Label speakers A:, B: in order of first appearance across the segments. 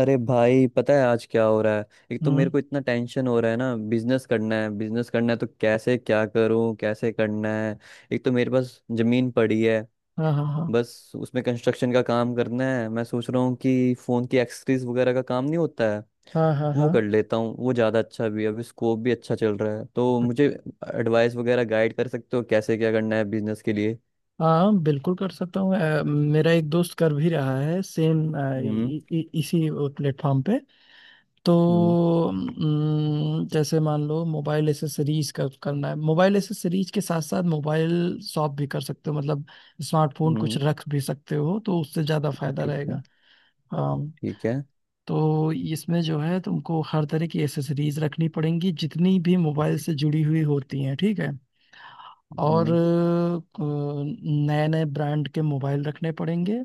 A: अरे भाई, पता है आज क्या हो रहा है? एक तो मेरे
B: हम्म।
A: को इतना टेंशन हो रहा है ना, बिजनेस करना है, बिजनेस करना है तो कैसे क्या करूं, कैसे करना है। एक तो मेरे पास जमीन पड़ी है।
B: हाँ हाँ हाँ
A: बस उसमें कंस्ट्रक्शन का काम करना है। मैं सोच रहा हूँ कि फोन की एक्सेसरीज वगैरह का काम नहीं होता है?
B: हाँ हाँ
A: वो कर लेता हूँ, वो ज्यादा अच्छा भी है, अभी स्कोप भी अच्छा चल रहा है। तो मुझे एडवाइस वगैरह गाइड कर सकते हो कैसे क्या करना है बिजनेस के लिए?
B: हाँ। हाँ बिल्कुल कर सकता हूँ। मेरा एक दोस्त कर भी रहा है सेम
A: हम्म।
B: इसी प्लेटफॉर्म पे। तो
A: हम्म।
B: जैसे मान लो मोबाइल एसेसरीज का करना है, मोबाइल एसेसरीज के साथ साथ मोबाइल शॉप भी कर सकते हो, मतलब स्मार्टफोन कुछ
A: हम्म।
B: रख भी सकते हो तो उससे ज़्यादा फायदा
A: ठीक
B: रहेगा।
A: है।
B: हाँ,
A: ठीक है।
B: तो इसमें जो है तुमको हर तरह की एसेसरीज रखनी पड़ेंगी, जितनी भी मोबाइल से जुड़ी हुई होती हैं, ठीक है। और
A: हम्म।
B: नए नए ब्रांड के मोबाइल रखने पड़ेंगे,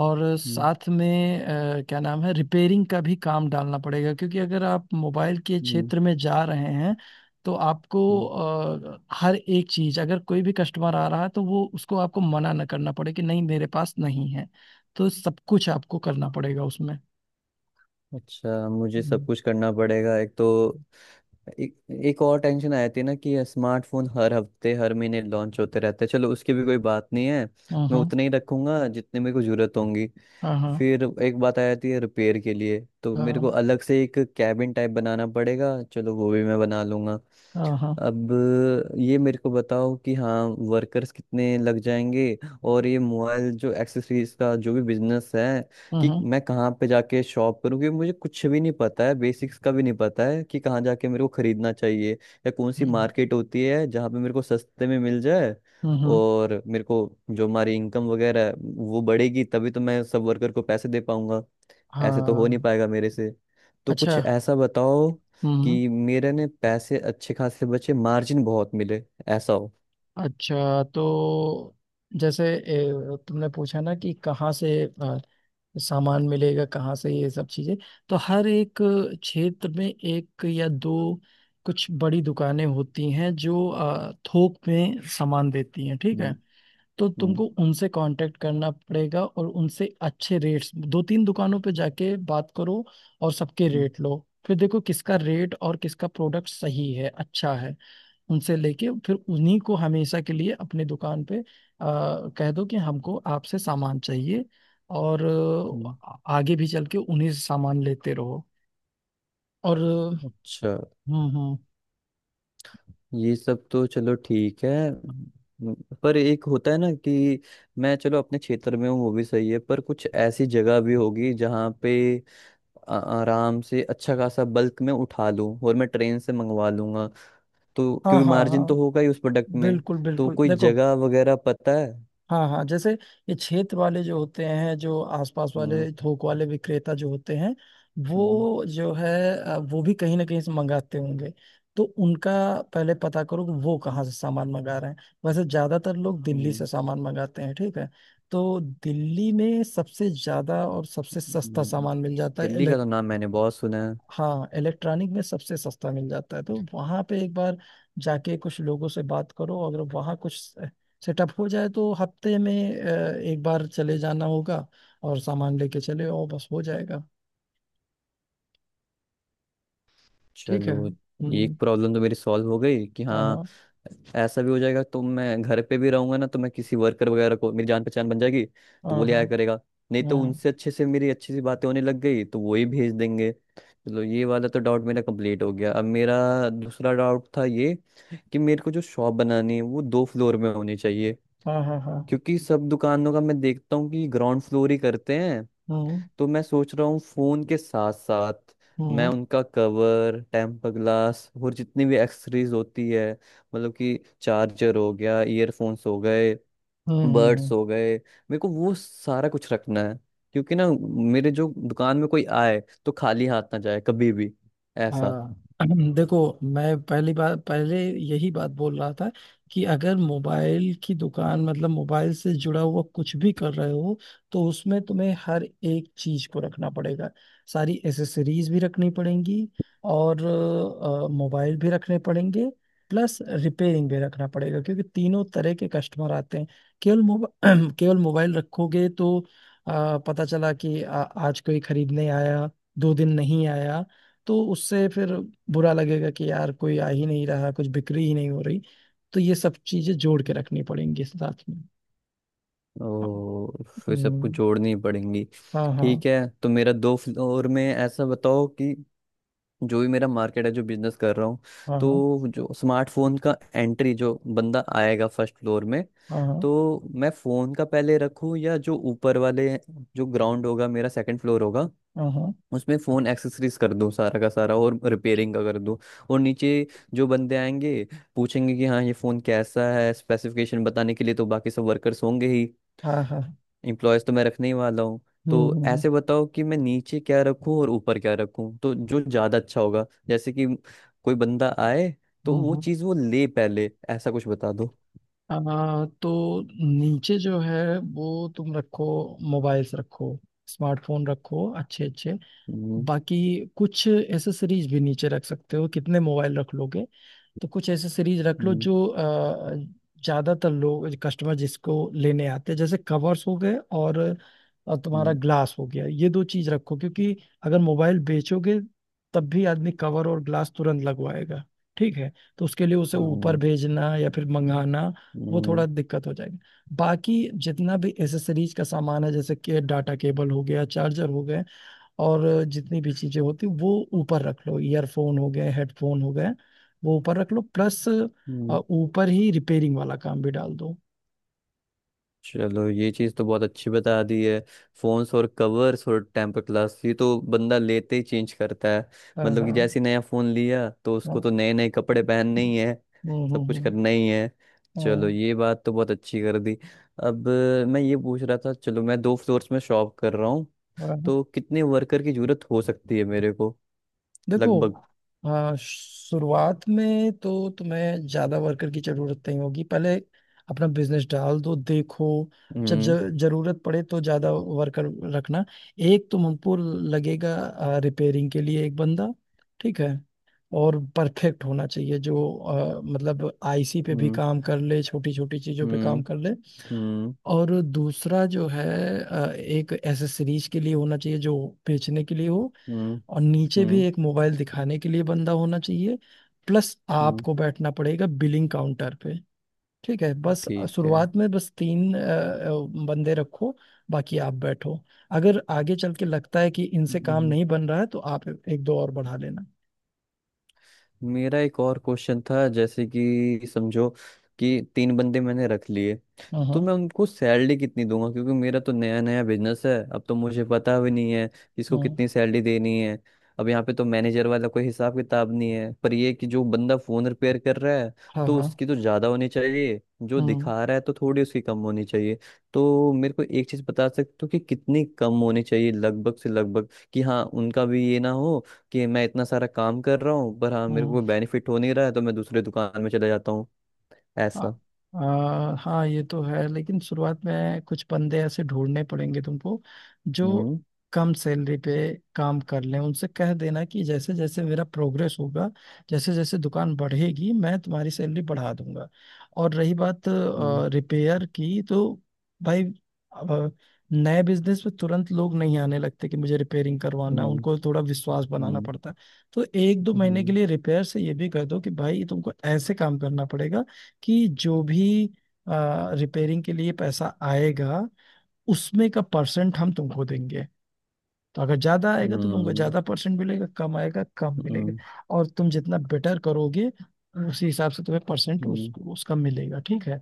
B: और
A: हम्म।
B: साथ में क्या नाम है, रिपेयरिंग का भी काम डालना पड़ेगा क्योंकि अगर आप मोबाइल के
A: हम्म।
B: क्षेत्र में जा रहे हैं तो आपको
A: हम्म।
B: हर एक चीज, अगर कोई भी कस्टमर आ रहा है तो वो उसको आपको मना न करना पड़े कि नहीं मेरे पास नहीं है। तो सब कुछ आपको करना पड़ेगा उसमें।
A: अच्छा, मुझे सब
B: हम्म,
A: कुछ करना पड़ेगा। एक तो एक, एक और टेंशन आ जाती है ना कि स्मार्टफोन हर हफ्ते हर महीने लॉन्च होते रहते हैं। चलो, उसकी भी कोई बात नहीं है। मैं
B: हम्म,
A: उतने ही रखूंगा जितने मेरे को जरूरत होंगी।
B: हाँ हाँ
A: फिर एक बात आ जाती है रिपेयर के लिए, तो मेरे को
B: हाँ
A: अलग से एक कैबिन टाइप बनाना पड़ेगा। चलो वो भी मैं बना लूंगा।
B: हाँ हाँ।
A: अब ये मेरे को बताओ कि हाँ, वर्कर्स कितने लग जाएंगे? और ये मोबाइल जो एक्सेसरीज का जो भी बिजनेस है, कि
B: हम्म,
A: मैं कहाँ पे जाके शॉप करूँ? क्योंकि मुझे कुछ भी नहीं पता है, बेसिक्स का भी नहीं पता है कि कहाँ जाके मेरे को खरीदना चाहिए या कौन सी
B: हम्म,
A: मार्केट होती है जहाँ पे मेरे को सस्ते में मिल जाए।
B: हम्म,
A: और मेरे को जो हमारी इनकम वगैरह है वो बढ़ेगी, तभी तो मैं सब वर्कर को पैसे दे पाऊंगा।
B: हाँ
A: ऐसे तो हो नहीं
B: हाँ,
A: पाएगा मेरे से। तो
B: अच्छा।
A: कुछ ऐसा बताओ
B: हम्म।
A: कि मेरे ने पैसे अच्छे खासे बचे, मार्जिन बहुत मिले, ऐसा हो।
B: अच्छा, तो जैसे तुमने पूछा ना कि कहाँ से सामान मिलेगा, कहाँ से ये सब चीजें। तो हर एक क्षेत्र में एक या दो कुछ बड़ी दुकानें होती हैं जो थोक में सामान देती हैं, ठीक
A: हम्म।
B: है। तो
A: हम्म।
B: तुमको उनसे कांटेक्ट करना पड़ेगा और उनसे अच्छे रेट्स, दो तीन दुकानों पे जाके बात करो और सबके
A: हम्म।
B: रेट लो, फिर देखो किसका रेट और किसका प्रोडक्ट सही है, अच्छा है। उनसे लेके फिर उन्हीं को हमेशा के लिए अपनी दुकान पे कह दो कि हमको आपसे सामान चाहिए। और
A: हम्म।
B: आगे भी चल के उन्हीं से सामान लेते रहो। और
A: अच्छा,
B: हम्म।
A: ये सब तो चलो ठीक है। हम्म। पर एक होता है ना कि मैं चलो अपने क्षेत्र में हूँ, वो भी सही है, पर कुछ ऐसी जगह भी होगी जहाँ पे आराम से अच्छा खासा बल्क में उठा लूँ और मैं ट्रेन से मंगवा लूंगा, तो
B: हाँ
A: क्योंकि
B: हाँ
A: मार्जिन तो
B: हाँ,
A: होगा ही उस प्रोडक्ट में।
B: बिल्कुल
A: तो
B: बिल्कुल,
A: कोई
B: देखो।
A: जगह वगैरह पता है?
B: हाँ हाँ, जैसे ये क्षेत्र वाले जो होते हैं, जो आसपास वाले
A: हम्म।
B: थोक वाले विक्रेता जो होते हैं,
A: हम्म।
B: वो जो है वो भी कहीं ना कहीं से मंगाते होंगे, तो उनका पहले पता करो कि वो कहाँ से सामान मंगा रहे हैं। वैसे ज्यादातर लोग दिल्ली
A: हम्म।
B: से सामान मंगाते हैं, ठीक है। तो दिल्ली में सबसे ज्यादा और सबसे सस्ता
A: हम्म।
B: सामान मिल जाता है।
A: दिल्ली का तो नाम मैंने बहुत सुना है।
B: हाँ इलेक्ट्रॉनिक में सबसे सस्ता मिल जाता है, तो वहां पे एक बार जाके कुछ लोगों से बात करो। अगर वहां कुछ सेटअप हो जाए तो हफ्ते में एक बार चले जाना होगा, और सामान लेके चले, और बस हो जाएगा। ठीक है,
A: चलो
B: हम्म।
A: एक प्रॉब्लम तो मेरी सॉल्व हो गई कि
B: हाँ
A: हाँ,
B: हाँ
A: ऐसा भी हो जाएगा। तो मैं घर पे भी रहूंगा ना, तो मैं किसी वर्कर वगैरह को, मेरी जान पहचान बन जाएगी तो
B: हाँ
A: वो ले आया
B: हाँ
A: करेगा। नहीं तो उनसे अच्छे से मेरी अच्छी सी बातें होने लग गई तो वो ही भेज देंगे। चलो ये वाला तो डाउट मेरा कंप्लीट हो गया। अब मेरा दूसरा डाउट था ये, कि मेरे को जो शॉप बनानी है वो दो फ्लोर में होनी चाहिए,
B: हाँ हाँ हाँ हाँ,
A: क्योंकि सब दुकानों का मैं देखता हूँ कि ग्राउंड फ्लोर ही करते हैं।
B: हम्म
A: तो मैं सोच रहा हूँ फोन के साथ साथ मैं
B: हम्म
A: उनका कवर, टेम्पर ग्लास और जितनी भी एक्सेसरीज होती है, मतलब कि चार्जर हो गया, ईयरफोन्स हो गए,
B: हम्म
A: बर्ड्स
B: हम्म,
A: हो गए, मेरे को वो सारा कुछ रखना है। क्योंकि ना, मेरे जो दुकान में कोई आए तो खाली हाथ ना जाए कभी भी, ऐसा।
B: हाँ। देखो मैं पहली बार पहले यही बात बोल रहा था कि अगर मोबाइल की दुकान, मतलब मोबाइल से जुड़ा हुआ कुछ भी कर रहे हो तो उसमें तुम्हें हर एक चीज को रखना पड़ेगा। सारी एसेसरीज भी रखनी पड़ेंगी, और मोबाइल भी रखने पड़ेंगे, प्लस रिपेयरिंग भी रखना पड़ेगा क्योंकि तीनों तरह के कस्टमर आते हैं। केवल मोबाइल केवल मोबाइल रखोगे तो पता चला कि आज कोई खरीदने आया, दो दिन नहीं आया, तो उससे फिर बुरा लगेगा कि यार कोई आ ही नहीं रहा, कुछ बिक्री ही नहीं हो रही। तो ये सब चीजें जोड़ के रखनी पड़ेंगी साथ में। हाँ,
A: ओ, फिर
B: हम्म,
A: सबको जोड़नी पड़ेंगी।
B: हाँ हाँ
A: ठीक है, तो मेरा दो फ्लोर में ऐसा बताओ कि जो भी मेरा मार्केट है जो बिजनेस कर रहा हूँ,
B: हाँ हाँ
A: तो जो स्मार्टफोन का एंट्री जो बंदा आएगा फर्स्ट फ्लोर में,
B: हाँ हाँ
A: तो मैं फोन का पहले रखूँ, या जो ऊपर वाले, जो ग्राउंड होगा मेरा सेकंड फ्लोर होगा,
B: हाँ
A: उसमें फोन एक्सेसरीज कर दूँ सारा का सारा और रिपेयरिंग का कर दूँ। और नीचे जो बंदे आएंगे, पूछेंगे कि हाँ ये फोन कैसा है, स्पेसिफिकेशन बताने के लिए तो बाकी सब वर्कर्स होंगे ही।
B: हाँ हाँ हाँ,
A: इम्प्लॉयज तो मैं रखने ही वाला हूँ।
B: हम्म
A: तो
B: हम्म हम्म
A: ऐसे बताओ कि मैं नीचे क्या रखूँ और ऊपर क्या रखूँ, तो जो ज़्यादा अच्छा होगा, जैसे कि कोई बंदा आए तो वो
B: हम्म,
A: चीज़ वो ले पहले, ऐसा कुछ बता दो।
B: तो नीचे जो है वो तुम रखो, मोबाइल्स रखो, स्मार्टफोन रखो अच्छे अच्छे।
A: हम्म।
B: बाकी कुछ एसेसरीज भी नीचे रख सकते हो, कितने मोबाइल रख लोगे। तो कुछ ऐसे सीरीज रख लो
A: हम्म।
B: जो ज्यादातर लोग कस्टमर जिसको लेने आते हैं, जैसे कवर्स हो गए, और तुम्हारा
A: हम्म।
B: ग्लास हो गया, ये दो चीज रखो क्योंकि अगर मोबाइल बेचोगे तब भी आदमी कवर और ग्लास तुरंत लगवाएगा, ठीक है। तो उसके लिए उसे ऊपर
A: हम्म।
B: भेजना या फिर मंगाना, वो थोड़ा
A: हम्म।
B: दिक्कत हो जाएगी। बाकी जितना भी एसेसरीज का सामान है, जैसे कि डाटा केबल हो गया, चार्जर हो गए, और जितनी भी चीजें होती वो ऊपर रख लो, ईयरफोन हो गए, हेडफोन हो गए, वो ऊपर रख लो। प्लस
A: हम्म।
B: ऊपर ही रिपेयरिंग वाला काम भी डाल दो।
A: चलो ये चीज़ तो बहुत अच्छी बता दी है। फोन्स और कवर्स और टेम्पर ग्लास, ये तो बंदा लेते ही चेंज करता है।
B: हाँ
A: मतलब
B: हाँ
A: कि जैसे ही नया फोन लिया तो उसको
B: हाँ।
A: तो नए नए कपड़े पहनने ही है, सब कुछ करना
B: हम्म।
A: ही है। चलो
B: हाँ,
A: ये बात तो बहुत अच्छी कर दी। अब मैं ये पूछ रहा था, चलो मैं दो फ्लोर्स में शॉप कर रहा हूँ,
B: बराबर।
A: तो कितने वर्कर की जरूरत हो सकती है मेरे को,
B: देखो
A: लगभग।
B: शुरुआत में तो तुम्हें ज्यादा वर्कर की जरूरत नहीं होगी, पहले अपना बिजनेस डाल दो, देखो। जब
A: हम्म।
B: जरूरत पड़े तो ज्यादा वर्कर रखना। एक तो हमको लगेगा रिपेयरिंग के लिए एक बंदा, ठीक है। और परफेक्ट होना चाहिए जो मतलब आईसी पे भी
A: हम्म।
B: काम कर ले, छोटी छोटी चीजों पे काम
A: हम्म।
B: कर ले।
A: हम्म।
B: और दूसरा जो है एक एसेसरीज के लिए होना चाहिए जो बेचने के लिए हो।
A: हम्म।
B: और नीचे भी
A: हम्म।
B: एक मोबाइल दिखाने के लिए बंदा होना चाहिए, प्लस
A: हम्म।
B: आपको बैठना पड़ेगा बिलिंग काउंटर पे, ठीक है बस।
A: ठीक है।
B: शुरुआत में बस तीन बंदे रखो, बाकी आप बैठो। अगर आगे चल के लगता है कि इनसे काम
A: हम्म।
B: नहीं बन रहा है तो आप एक दो और बढ़ा लेना।
A: मेरा एक और क्वेश्चन था, जैसे कि समझो कि तीन बंदे मैंने रख लिए, तो
B: हम्म
A: मैं उनको सैलरी कितनी दूंगा? क्योंकि मेरा तो नया नया बिजनेस है, अब तो मुझे पता भी नहीं है किसको
B: हम्म
A: कितनी सैलरी देनी है। अब यहाँ पे तो मैनेजर वाला कोई हिसाब किताब नहीं है, पर ये कि जो बंदा फोन रिपेयर कर रहा है
B: हाँ हाँ
A: तो
B: हाँ
A: उसकी तो ज्यादा होनी चाहिए, जो
B: हम्म
A: दिखा रहा है तो थोड़ी उसकी कम होनी चाहिए। तो मेरे को एक चीज बता सकते हो कि कितनी कम होनी चाहिए, लगभग से लगभग? कि हाँ उनका भी ये ना हो कि मैं इतना सारा काम कर रहा हूँ पर हाँ मेरे को
B: हम्म।
A: कोई बेनिफिट हो नहीं रहा है, तो मैं दूसरे दुकान में चला जाता हूँ,
B: आ,
A: ऐसा।
B: आ, हाँ ये तो है, लेकिन शुरुआत में कुछ बंदे ऐसे ढूंढने पड़ेंगे तुमको जो
A: हम्म।
B: कम सैलरी पे काम कर लें। उनसे कह देना कि जैसे जैसे मेरा प्रोग्रेस होगा, जैसे जैसे दुकान बढ़ेगी, मैं तुम्हारी सैलरी बढ़ा दूंगा। और रही बात
A: हम्म।
B: रिपेयर की, तो भाई आ, नए बिजनेस में तुरंत लोग नहीं आने लगते कि मुझे रिपेयरिंग करवाना है,
A: हम्म।
B: उनको थोड़ा विश्वास बनाना
A: हम्म।
B: पड़ता है। तो एक दो महीने के
A: हम्म।
B: लिए रिपेयर से ये भी कह दो कि भाई तुमको ऐसे काम करना पड़ेगा कि जो भी रिपेयरिंग के लिए पैसा आएगा उसमें का परसेंट हम तुमको देंगे। तो अगर ज्यादा आएगा तो तुमको
A: हम्म।
B: ज्यादा परसेंट मिलेगा, कम आएगा कम मिलेगा।
A: हम्म।
B: और तुम जितना बेटर करोगे उसी हिसाब से तुम्हें परसेंट
A: हम्म।
B: उसका मिलेगा, ठीक है।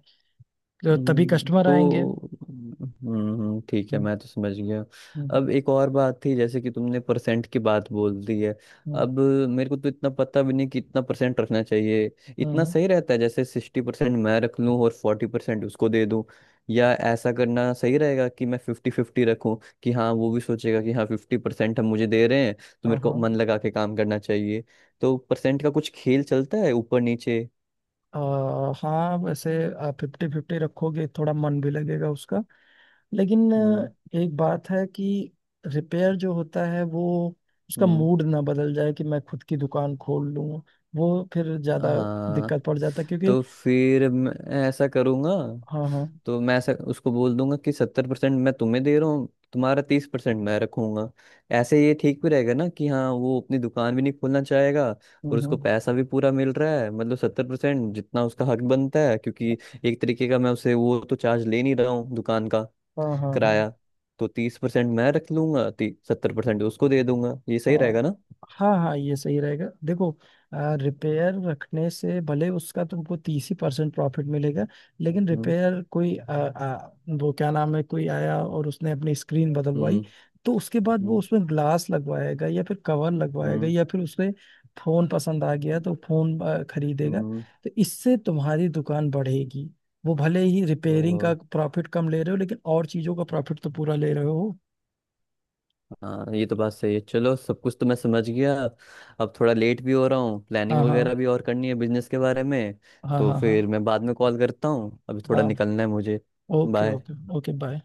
B: तो तभी
A: हम्म।
B: कस्टमर आएंगे।
A: तो हम्म, ठीक है,
B: हम्म,
A: मैं तो समझ गया।
B: हम्म,
A: अब एक और बात थी, जैसे कि तुमने परसेंट की बात बोल दी है।
B: हम्म,
A: अब मेरे को तो इतना पता भी नहीं कि इतना परसेंट रखना चाहिए,
B: हम्म,
A: इतना
B: हम्म,
A: सही रहता है। जैसे 60% मैं रख लूं और 40% उसको दे दूं, या ऐसा करना सही रहेगा कि मैं फिफ्टी फिफ्टी रखूं? कि हाँ वो भी सोचेगा कि हाँ 50% हम मुझे दे रहे हैं तो
B: हाँ
A: मेरे को
B: हाँ।
A: मन लगा के काम करना चाहिए। तो परसेंट का कुछ खेल चलता है ऊपर नीचे?
B: हाँ वैसे आप 50-50 रखोगे थोड़ा मन भी लगेगा उसका, लेकिन
A: हम्म।
B: एक बात है कि रिपेयर जो होता है वो, उसका
A: हम्म।
B: मूड ना बदल जाए कि मैं खुद की दुकान खोल लूं, वो फिर ज्यादा
A: हाँ।
B: दिक्कत पड़ जाता है क्योंकि
A: तो फिर मैं ऐसा करूंगा,
B: हाँ हाँ।
A: तो मैं ऐसा उसको बोल दूंगा कि 70% मैं तुम्हें दे रहा हूँ, तुम्हारा 30% मैं रखूंगा। ऐसे ये ठीक भी रहेगा ना कि हाँ वो अपनी दुकान भी नहीं खोलना चाहेगा,
B: हम्म
A: और उसको
B: हम्म,
A: पैसा भी पूरा मिल रहा है, मतलब 70%, जितना उसका हक बनता है। क्योंकि एक तरीके का मैं उसे वो तो चार्ज ले नहीं रहा हूँ दुकान का,
B: हाँ हाँ हाँ।
A: किराया। तो 30% मैं रख लूंगा, 70% उसको दे दूंगा, ये सही रहेगा
B: हाँ
A: ना?
B: हाँ हाँ, ये सही रहेगा देखो। रिपेयर रखने से भले उसका तुमको 30 ही परसेंट प्रॉफिट मिलेगा, लेकिन
A: हम्म।
B: रिपेयर कोई आ, आ, वो क्या नाम है, कोई आया और उसने अपनी स्क्रीन बदलवाई,
A: हम्म।
B: तो उसके बाद वो
A: हम्म।
B: उसमें ग्लास लगवाएगा, या फिर कवर लगवाएगा, या फिर उसमें फोन पसंद आ गया तो फोन खरीदेगा।
A: हम्म।
B: तो इससे तुम्हारी दुकान बढ़ेगी। वो भले ही रिपेयरिंग
A: हम्म।
B: का प्रॉफिट कम ले रहे हो, लेकिन और चीजों का प्रॉफिट तो पूरा ले रहे हो।
A: हाँ ये तो बात सही है। चलो सब कुछ तो मैं समझ गया। अब थोड़ा लेट भी हो रहा हूँ,
B: हाँ
A: प्लानिंग
B: हाँ
A: वगैरह भी और करनी है बिजनेस के बारे में,
B: हाँ
A: तो
B: हाँ हाँ
A: फिर मैं बाद में कॉल करता हूँ, अभी थोड़ा
B: हाँ।
A: निकलना है मुझे।
B: Okay okay
A: bye.
B: Okay, bye.